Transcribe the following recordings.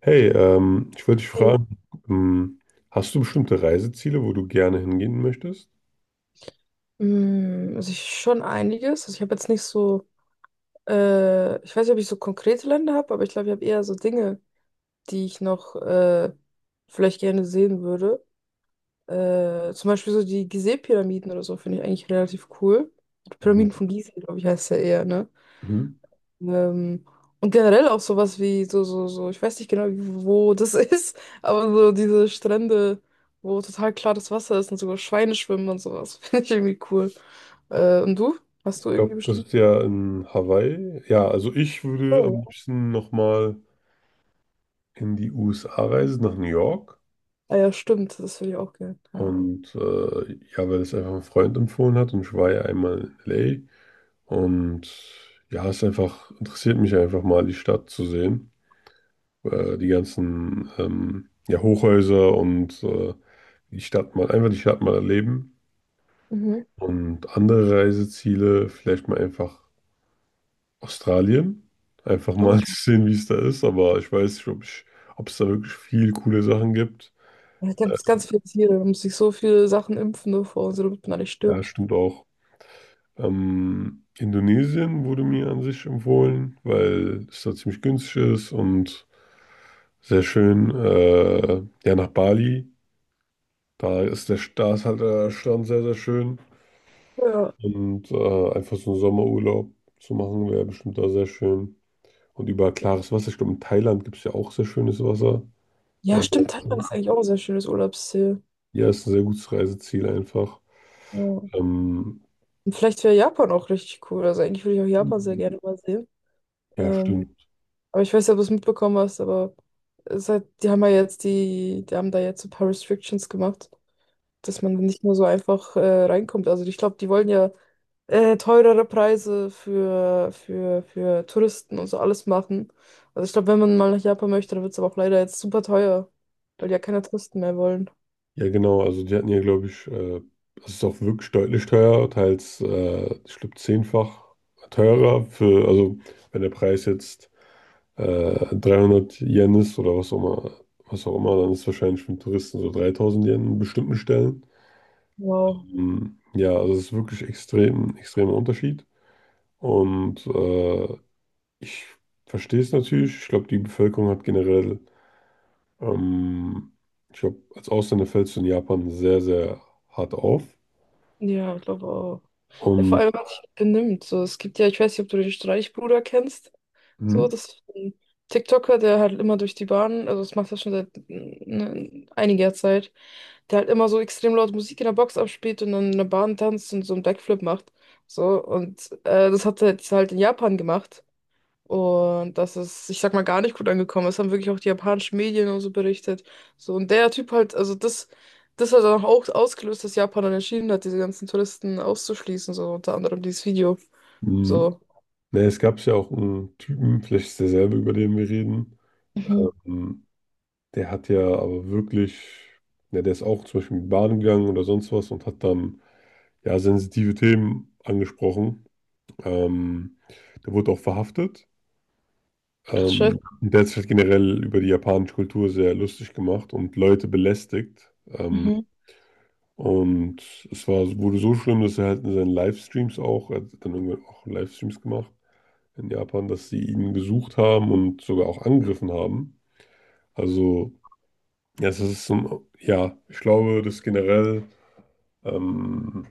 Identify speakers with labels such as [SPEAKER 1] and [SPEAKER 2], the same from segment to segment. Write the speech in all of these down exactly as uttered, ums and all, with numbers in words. [SPEAKER 1] Hey, ähm, ich wollte dich fragen, ähm, hast du bestimmte Reiseziele, wo du gerne hingehen möchtest?
[SPEAKER 2] Mm, Also ich schon einiges. Also ich habe jetzt nicht so, äh, ich weiß nicht, ob ich so konkrete Länder habe, aber ich glaube, ich habe eher so Dinge, die ich noch äh, vielleicht gerne sehen würde. Äh, zum Beispiel so die Gizeh-Pyramiden oder so finde ich eigentlich relativ cool. Die
[SPEAKER 1] Mhm.
[SPEAKER 2] Pyramiden von Gizeh, glaube ich, heißt ja eher, ne?
[SPEAKER 1] Mhm.
[SPEAKER 2] Ähm, und generell auch sowas wie so, so, so, ich weiß nicht genau, wo das ist, aber so diese Strände, wo total klares Wasser ist und sogar Schweine schwimmen und sowas, finde ich irgendwie cool. Äh, und du? Hast du
[SPEAKER 1] Ich
[SPEAKER 2] irgendwie
[SPEAKER 1] glaube, das
[SPEAKER 2] bestimmt?
[SPEAKER 1] ist ja in Hawaii. Ja, also ich würde am
[SPEAKER 2] Oh.
[SPEAKER 1] liebsten nochmal in die U S A reisen, nach New York.
[SPEAKER 2] Ah ja, stimmt, das würde ich auch gerne, ja.
[SPEAKER 1] Und äh, ja, weil es einfach ein Freund empfohlen hat und ich war ja einmal in L A. Und ja, es einfach interessiert mich einfach mal, die Stadt zu sehen. Äh, die ganzen ähm, ja, Hochhäuser und äh, die Stadt mal, einfach die Stadt mal erleben.
[SPEAKER 2] Mhm.
[SPEAKER 1] Und andere Reiseziele, vielleicht mal einfach Australien. Einfach
[SPEAKER 2] Oh,
[SPEAKER 1] mal zu sehen, wie es da ist. Aber ich weiß nicht, ob ich, ob es da wirklich viel coole Sachen gibt.
[SPEAKER 2] ja, ganz, ganz viele Tiere, man muss sich so viele Sachen impfen davor, so damit man da nicht
[SPEAKER 1] Ja,
[SPEAKER 2] stirbt.
[SPEAKER 1] stimmt auch. Ähm, Indonesien wurde mir an sich empfohlen, weil es da ziemlich günstig ist und sehr schön. Äh, ja, nach Bali. Da ist der, da ist halt der Strand sehr, sehr schön.
[SPEAKER 2] Ja.
[SPEAKER 1] Und äh, einfach so einen Sommerurlaub zu machen, wäre bestimmt da sehr schön. Und über klares Wasser. Ich glaube, in Thailand gibt es ja auch sehr schönes Wasser.
[SPEAKER 2] Ja, stimmt, Thailand
[SPEAKER 1] Ähm,
[SPEAKER 2] ist eigentlich auch ein sehr schönes Urlaubsziel.
[SPEAKER 1] ja, ist ein sehr gutes Reiseziel einfach.
[SPEAKER 2] Ja. Und
[SPEAKER 1] Ähm,
[SPEAKER 2] vielleicht wäre Japan auch richtig cool, also eigentlich würde ich auch Japan sehr gerne mal sehen.
[SPEAKER 1] ja,
[SPEAKER 2] Ähm,
[SPEAKER 1] stimmt.
[SPEAKER 2] Aber ich weiß nicht, ob du es mitbekommen hast, aber seit, die haben ja jetzt die, die haben da jetzt so ein paar Restrictions gemacht, dass man nicht mehr so einfach äh, reinkommt. Also ich glaube, die wollen ja äh, teurere Preise für, für, für Touristen und so alles machen. Also ich glaube, wenn man mal nach Japan möchte, dann wird es aber auch leider jetzt super teuer, weil die ja keine Touristen mehr wollen.
[SPEAKER 1] Ja, genau. Also die hatten ja, glaube ich, äh, das ist auch wirklich deutlich teurer, teils, äh, ich glaube, zehnfach teurer für, also wenn der Preis jetzt äh, dreihundert Yen ist oder was auch immer, was auch immer, dann ist es wahrscheinlich für einen Touristen so dreitausend Yen in bestimmten Stellen.
[SPEAKER 2] Wow.
[SPEAKER 1] Ähm, ja, also es ist wirklich extrem, extremer Unterschied. Und äh, ich verstehe es natürlich. Ich glaube, die Bevölkerung hat generell, ähm, ich glaube, als Ausländer fällst du in Japan sehr, sehr hart auf.
[SPEAKER 2] Ja, ich glaube auch. Ja, vor allem,
[SPEAKER 1] Und
[SPEAKER 2] was sich benimmt. So, es gibt ja, ich weiß nicht, ob du den Streichbruder kennst.
[SPEAKER 1] Mhm.
[SPEAKER 2] So, das ist ein TikToker, der halt immer durch die Bahn, also das macht er schon seit ne, einiger Zeit, der halt immer so extrem laut Musik in der Box abspielt und dann in der Bahn tanzt und so einen Backflip macht. So, und äh, das hat er jetzt halt in Japan gemacht. Und das ist, ich sag mal, gar nicht gut angekommen. Das haben wirklich auch die japanischen Medien und so berichtet. So, und der Typ halt, also das, das hat dann auch ausgelöst, dass Japan dann entschieden hat, diese ganzen Touristen auszuschließen, so unter anderem dieses Video.
[SPEAKER 1] mh,
[SPEAKER 2] So.
[SPEAKER 1] ne, es gab ja auch einen Typen, vielleicht ist derselbe, über den wir reden.
[SPEAKER 2] Mhm.
[SPEAKER 1] Ähm, der hat ja aber wirklich, ne, der ist auch zum Beispiel in die Bahn gegangen oder sonst was und hat dann ja sensitive Themen angesprochen. Ähm, der wurde auch verhaftet.
[SPEAKER 2] Ach,
[SPEAKER 1] Ähm,
[SPEAKER 2] shit.
[SPEAKER 1] der hat sich halt generell über die japanische Kultur sehr lustig gemacht und Leute belästigt. Ähm,
[SPEAKER 2] Mhm.
[SPEAKER 1] und es war, wurde so schlimm, dass er halt in seinen Livestreams auch, er hat dann irgendwann auch Livestreams gemacht in Japan, dass sie ihn gesucht haben und sogar auch angegriffen haben. Also, ja, es ist so, ein- ja, ich glaube, dass generell ähm,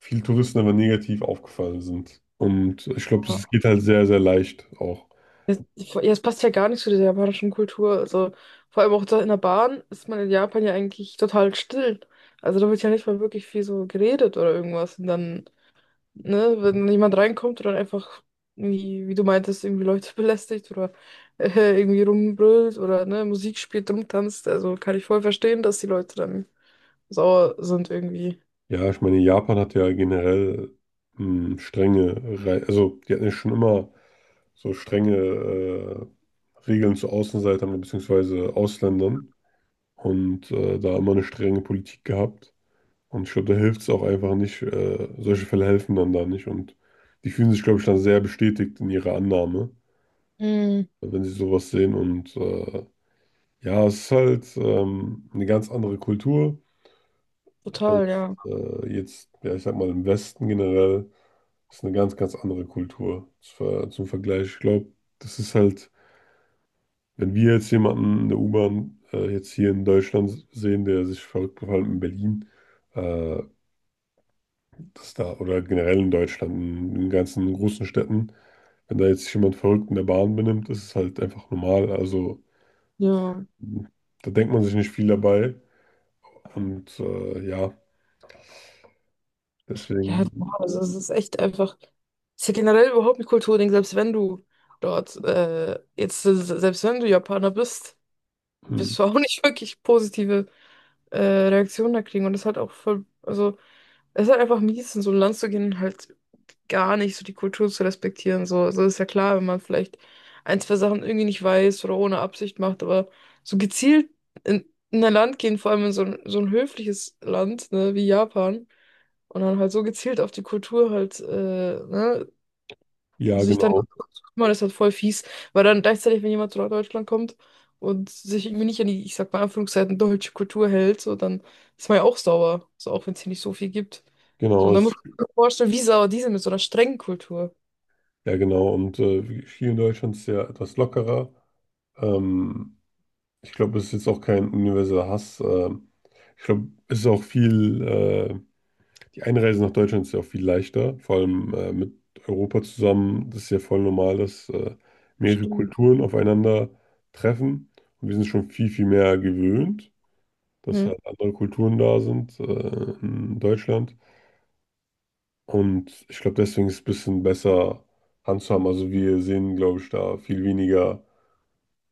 [SPEAKER 1] viele Touristen aber negativ aufgefallen sind. Und ich glaube, das geht halt sehr, sehr leicht auch.
[SPEAKER 2] Ja, es passt ja gar nicht zu dieser japanischen Kultur. Also, vor allem auch da in der Bahn ist man in Japan ja eigentlich total still. Also, da wird ja nicht mal wirklich viel so geredet oder irgendwas. Und dann, ne, wenn jemand reinkommt und dann einfach, irgendwie, wie du meintest, irgendwie Leute belästigt oder äh, irgendwie rumbrüllt oder ne, Musik spielt, rumtanzt, also kann ich voll verstehen, dass die Leute dann sauer sind irgendwie.
[SPEAKER 1] Ja, ich meine, Japan hat ja generell ähm, strenge, Rei- also die hatten ja schon immer so strenge äh, Regeln zu Außenseitern bzw. Ausländern und äh, da immer eine strenge Politik gehabt. Und ich glaube, da hilft es auch einfach nicht, äh, solche Fälle helfen dann da nicht. Und die fühlen sich, glaube ich, dann sehr bestätigt in ihrer Annahme,
[SPEAKER 2] Mhm,
[SPEAKER 1] wenn sie sowas sehen. Und äh, ja, es ist halt ähm, eine ganz andere Kultur
[SPEAKER 2] total,
[SPEAKER 1] als
[SPEAKER 2] ja.
[SPEAKER 1] äh, jetzt, ja, ich sag mal, im Westen generell. Das ist eine ganz, ganz andere Kultur zwar zum Vergleich. Ich glaube, das ist halt, wenn wir jetzt jemanden in der U-Bahn äh, jetzt hier in Deutschland sehen, der sich verrückt verhält in Berlin, äh, das da, oder halt generell in Deutschland, in den ganzen großen Städten, wenn da jetzt sich jemand verrückt in der Bahn benimmt, ist es halt einfach normal. Also
[SPEAKER 2] Ja.
[SPEAKER 1] da denkt man sich nicht viel dabei. Und äh, ja,
[SPEAKER 2] Ja,
[SPEAKER 1] deswegen,
[SPEAKER 2] boah, also es ist echt einfach. Es ist ja generell überhaupt ein Kulturding, selbst wenn du dort, äh, jetzt, selbst wenn du Japaner bist,
[SPEAKER 1] hm,
[SPEAKER 2] wirst du auch nicht wirklich positive äh, Reaktionen da kriegen. Und das ist halt auch voll, also es ist halt einfach mies, in so ein Land zu gehen und halt gar nicht so die Kultur zu respektieren. So, also ist ja klar, wenn man vielleicht ein, zwei Sachen irgendwie nicht weiß oder ohne Absicht macht, aber so gezielt in, in ein Land gehen, vor allem in so ein, so ein höfliches Land, ne, wie Japan, und dann halt so gezielt auf die Kultur halt, äh, ne,
[SPEAKER 1] ja,
[SPEAKER 2] sich dann noch
[SPEAKER 1] genau.
[SPEAKER 2] zu kümmern, ist halt voll fies, weil dann gleichzeitig, wenn jemand zu Deutschland kommt und sich irgendwie nicht an die, ich sag mal in Anführungszeichen, deutsche Kultur hält, so, dann ist man ja auch sauer, so auch wenn es hier nicht so viel gibt. So,
[SPEAKER 1] Genau,
[SPEAKER 2] und dann muss
[SPEAKER 1] ist,
[SPEAKER 2] man sich vorstellen, wie sauer die sind mit so einer strengen Kultur.
[SPEAKER 1] ja, genau. Und äh, hier in Deutschland ist es ja etwas lockerer. Ähm, Ich glaube, es ist jetzt auch kein universeller Hass. ähm, Ich glaube, es ist auch viel, äh, die Einreise nach Deutschland ist ja auch viel leichter, vor allem äh, mit Europa zusammen. Das ist ja voll normal, dass äh, mehrere
[SPEAKER 2] Stimmt.
[SPEAKER 1] Kulturen aufeinander treffen. Und wir sind schon viel, viel mehr gewöhnt, dass
[SPEAKER 2] Mhm.
[SPEAKER 1] halt andere Kulturen da sind äh, in Deutschland. Und ich glaube, deswegen ist es ein bisschen besser handzuhaben. Also wir sehen, glaube ich, da viel weniger.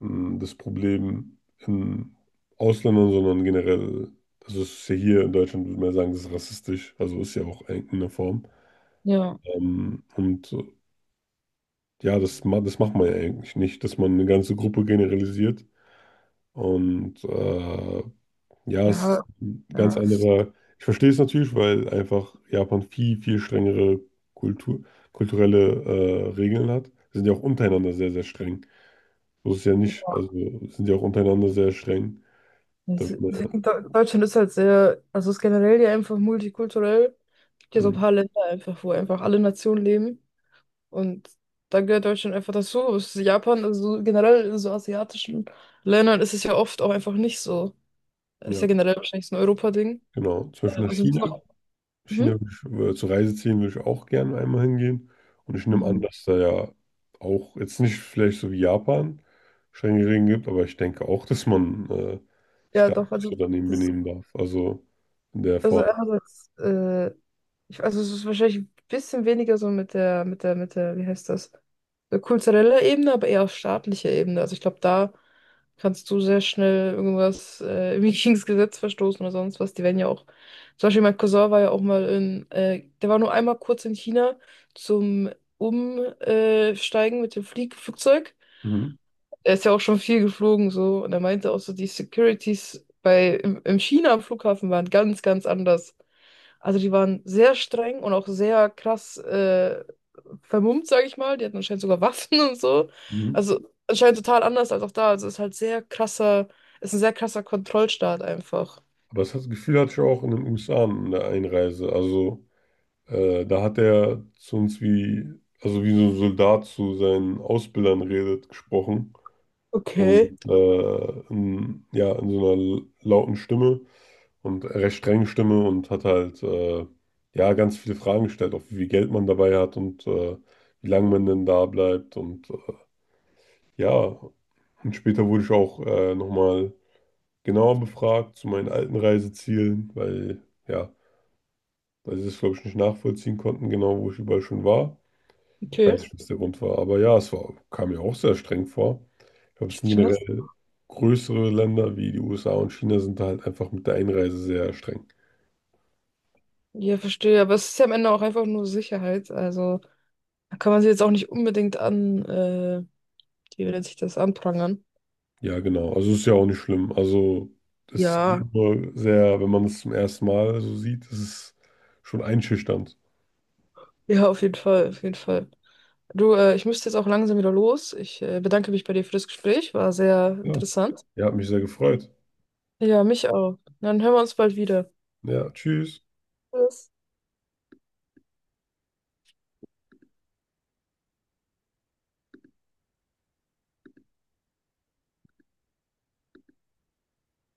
[SPEAKER 1] mh, das Problem in Ausländern, sondern generell, also es ist ja hier in Deutschland, würde man ja sagen, das ist rassistisch, also ist ja auch in einer Form.
[SPEAKER 2] Ja,
[SPEAKER 1] Ähm, und äh, ja, das, ma- das macht man ja eigentlich nicht, dass man eine ganze Gruppe generalisiert. Und äh, ja, es
[SPEAKER 2] ja,
[SPEAKER 1] ist ein ganz
[SPEAKER 2] ja. Es,
[SPEAKER 1] anderer. Ich verstehe es natürlich, weil einfach Japan viel, viel strengere Kultur, kulturelle äh, Regeln hat. Sie sind ja auch untereinander sehr, sehr streng. So ist es ja nicht. Also sind ja auch untereinander sehr streng. Da,
[SPEAKER 2] es,
[SPEAKER 1] wird
[SPEAKER 2] es-
[SPEAKER 1] man ja
[SPEAKER 2] Deu- Deutschland ist halt sehr, also es ist generell ja einfach multikulturell. Es gibt ja so ein
[SPEAKER 1] Hm.
[SPEAKER 2] paar Länder einfach, wo einfach alle Nationen leben. Und da gehört Deutschland einfach dazu. Es ist Japan, also so generell in so asiatischen Ländern ist es ja oft auch einfach nicht so. Ist
[SPEAKER 1] Ja,
[SPEAKER 2] ja generell wahrscheinlich so ein Europa-Ding.
[SPEAKER 1] genau. Zum Beispiel nach
[SPEAKER 2] Also, wir sind auch-
[SPEAKER 1] China.
[SPEAKER 2] Mhm.
[SPEAKER 1] China will ich, äh, zur Reise ziehen, will ich auch gerne einmal hingehen. Und ich nehme an,
[SPEAKER 2] Mhm.
[SPEAKER 1] dass da ja auch jetzt nicht vielleicht so wie Japan strenge Regeln gibt, aber ich denke auch, dass man äh, sich
[SPEAKER 2] Ja,
[SPEAKER 1] da
[SPEAKER 2] doch,
[SPEAKER 1] nicht so
[SPEAKER 2] also.
[SPEAKER 1] daneben benehmen darf. Also in der
[SPEAKER 2] Also
[SPEAKER 1] Form.
[SPEAKER 2] einerseits, äh, ich, also es ist wahrscheinlich ein bisschen weniger so mit der, mit der, mit der, wie heißt das, äh, kultureller Ebene, aber eher auf staatlicher Ebene. Also ich glaube, da kannst du sehr schnell irgendwas äh, irgendwie gegen das Gesetz verstoßen oder sonst was. Die werden ja auch, zum Beispiel mein Cousin war ja auch mal in, äh, der war nur einmal kurz in China zum Umsteigen mit dem Flieg Flugzeug.
[SPEAKER 1] Mhm.
[SPEAKER 2] Er ist ja auch schon viel geflogen so und er meinte auch so, die Securities bei, im, im China am Flughafen waren ganz, ganz anders. Also die waren sehr streng und auch sehr krass äh, vermummt, sage ich mal. Die hatten anscheinend sogar Waffen und so.
[SPEAKER 1] Mhm.
[SPEAKER 2] Also anscheinend total anders als auch da. Also ist halt sehr krasser, ist ein sehr krasser Kontrollstaat einfach.
[SPEAKER 1] Aber das hat- Gefühl hatte ich auch in den U S A in der Einreise. Also äh, da hat er zu uns wie, also wie so ein Soldat zu seinen Ausbildern redet, gesprochen.
[SPEAKER 2] Okay,
[SPEAKER 1] Und äh, in, ja, in so einer lauten Stimme und recht strengen Stimme und hat halt äh, ja ganz viele Fragen gestellt, auch wie viel Geld man dabei hat und äh, wie lange man denn da bleibt und äh, ja, und später wurde ich auch äh, nochmal genauer befragt zu meinen alten Reisezielen, weil ja, weil sie das glaube ich nicht nachvollziehen konnten, genau wo ich überall schon war. Ich
[SPEAKER 2] okay.
[SPEAKER 1] weiß nicht, was der Grund war, aber ja, es war, kam mir auch sehr streng vor. Ich glaube, es sind
[SPEAKER 2] Krass.
[SPEAKER 1] generell größere Länder wie die U S A und China sind da halt einfach mit der Einreise sehr streng.
[SPEAKER 2] Ja, verstehe. Aber es ist ja am Ende auch einfach nur Sicherheit. Also da kann man sie jetzt auch nicht unbedingt an, äh, wie nennt sich das, anprangern.
[SPEAKER 1] Ja, genau. Also ist ja auch nicht schlimm. Also es ist
[SPEAKER 2] Ja,
[SPEAKER 1] halt nur sehr, wenn man es zum ersten Mal so sieht, ist es schon einschüchternd.
[SPEAKER 2] ja, auf jeden Fall, auf jeden Fall. Du, äh, ich müsste jetzt auch langsam wieder los. Ich äh, bedanke mich bei dir für das Gespräch. War sehr
[SPEAKER 1] Ja,
[SPEAKER 2] interessant.
[SPEAKER 1] ja, hat mich sehr gefreut.
[SPEAKER 2] Ja, mich auch. Dann hören wir uns bald wieder.
[SPEAKER 1] Ja, tschüss.
[SPEAKER 2] Tschüss.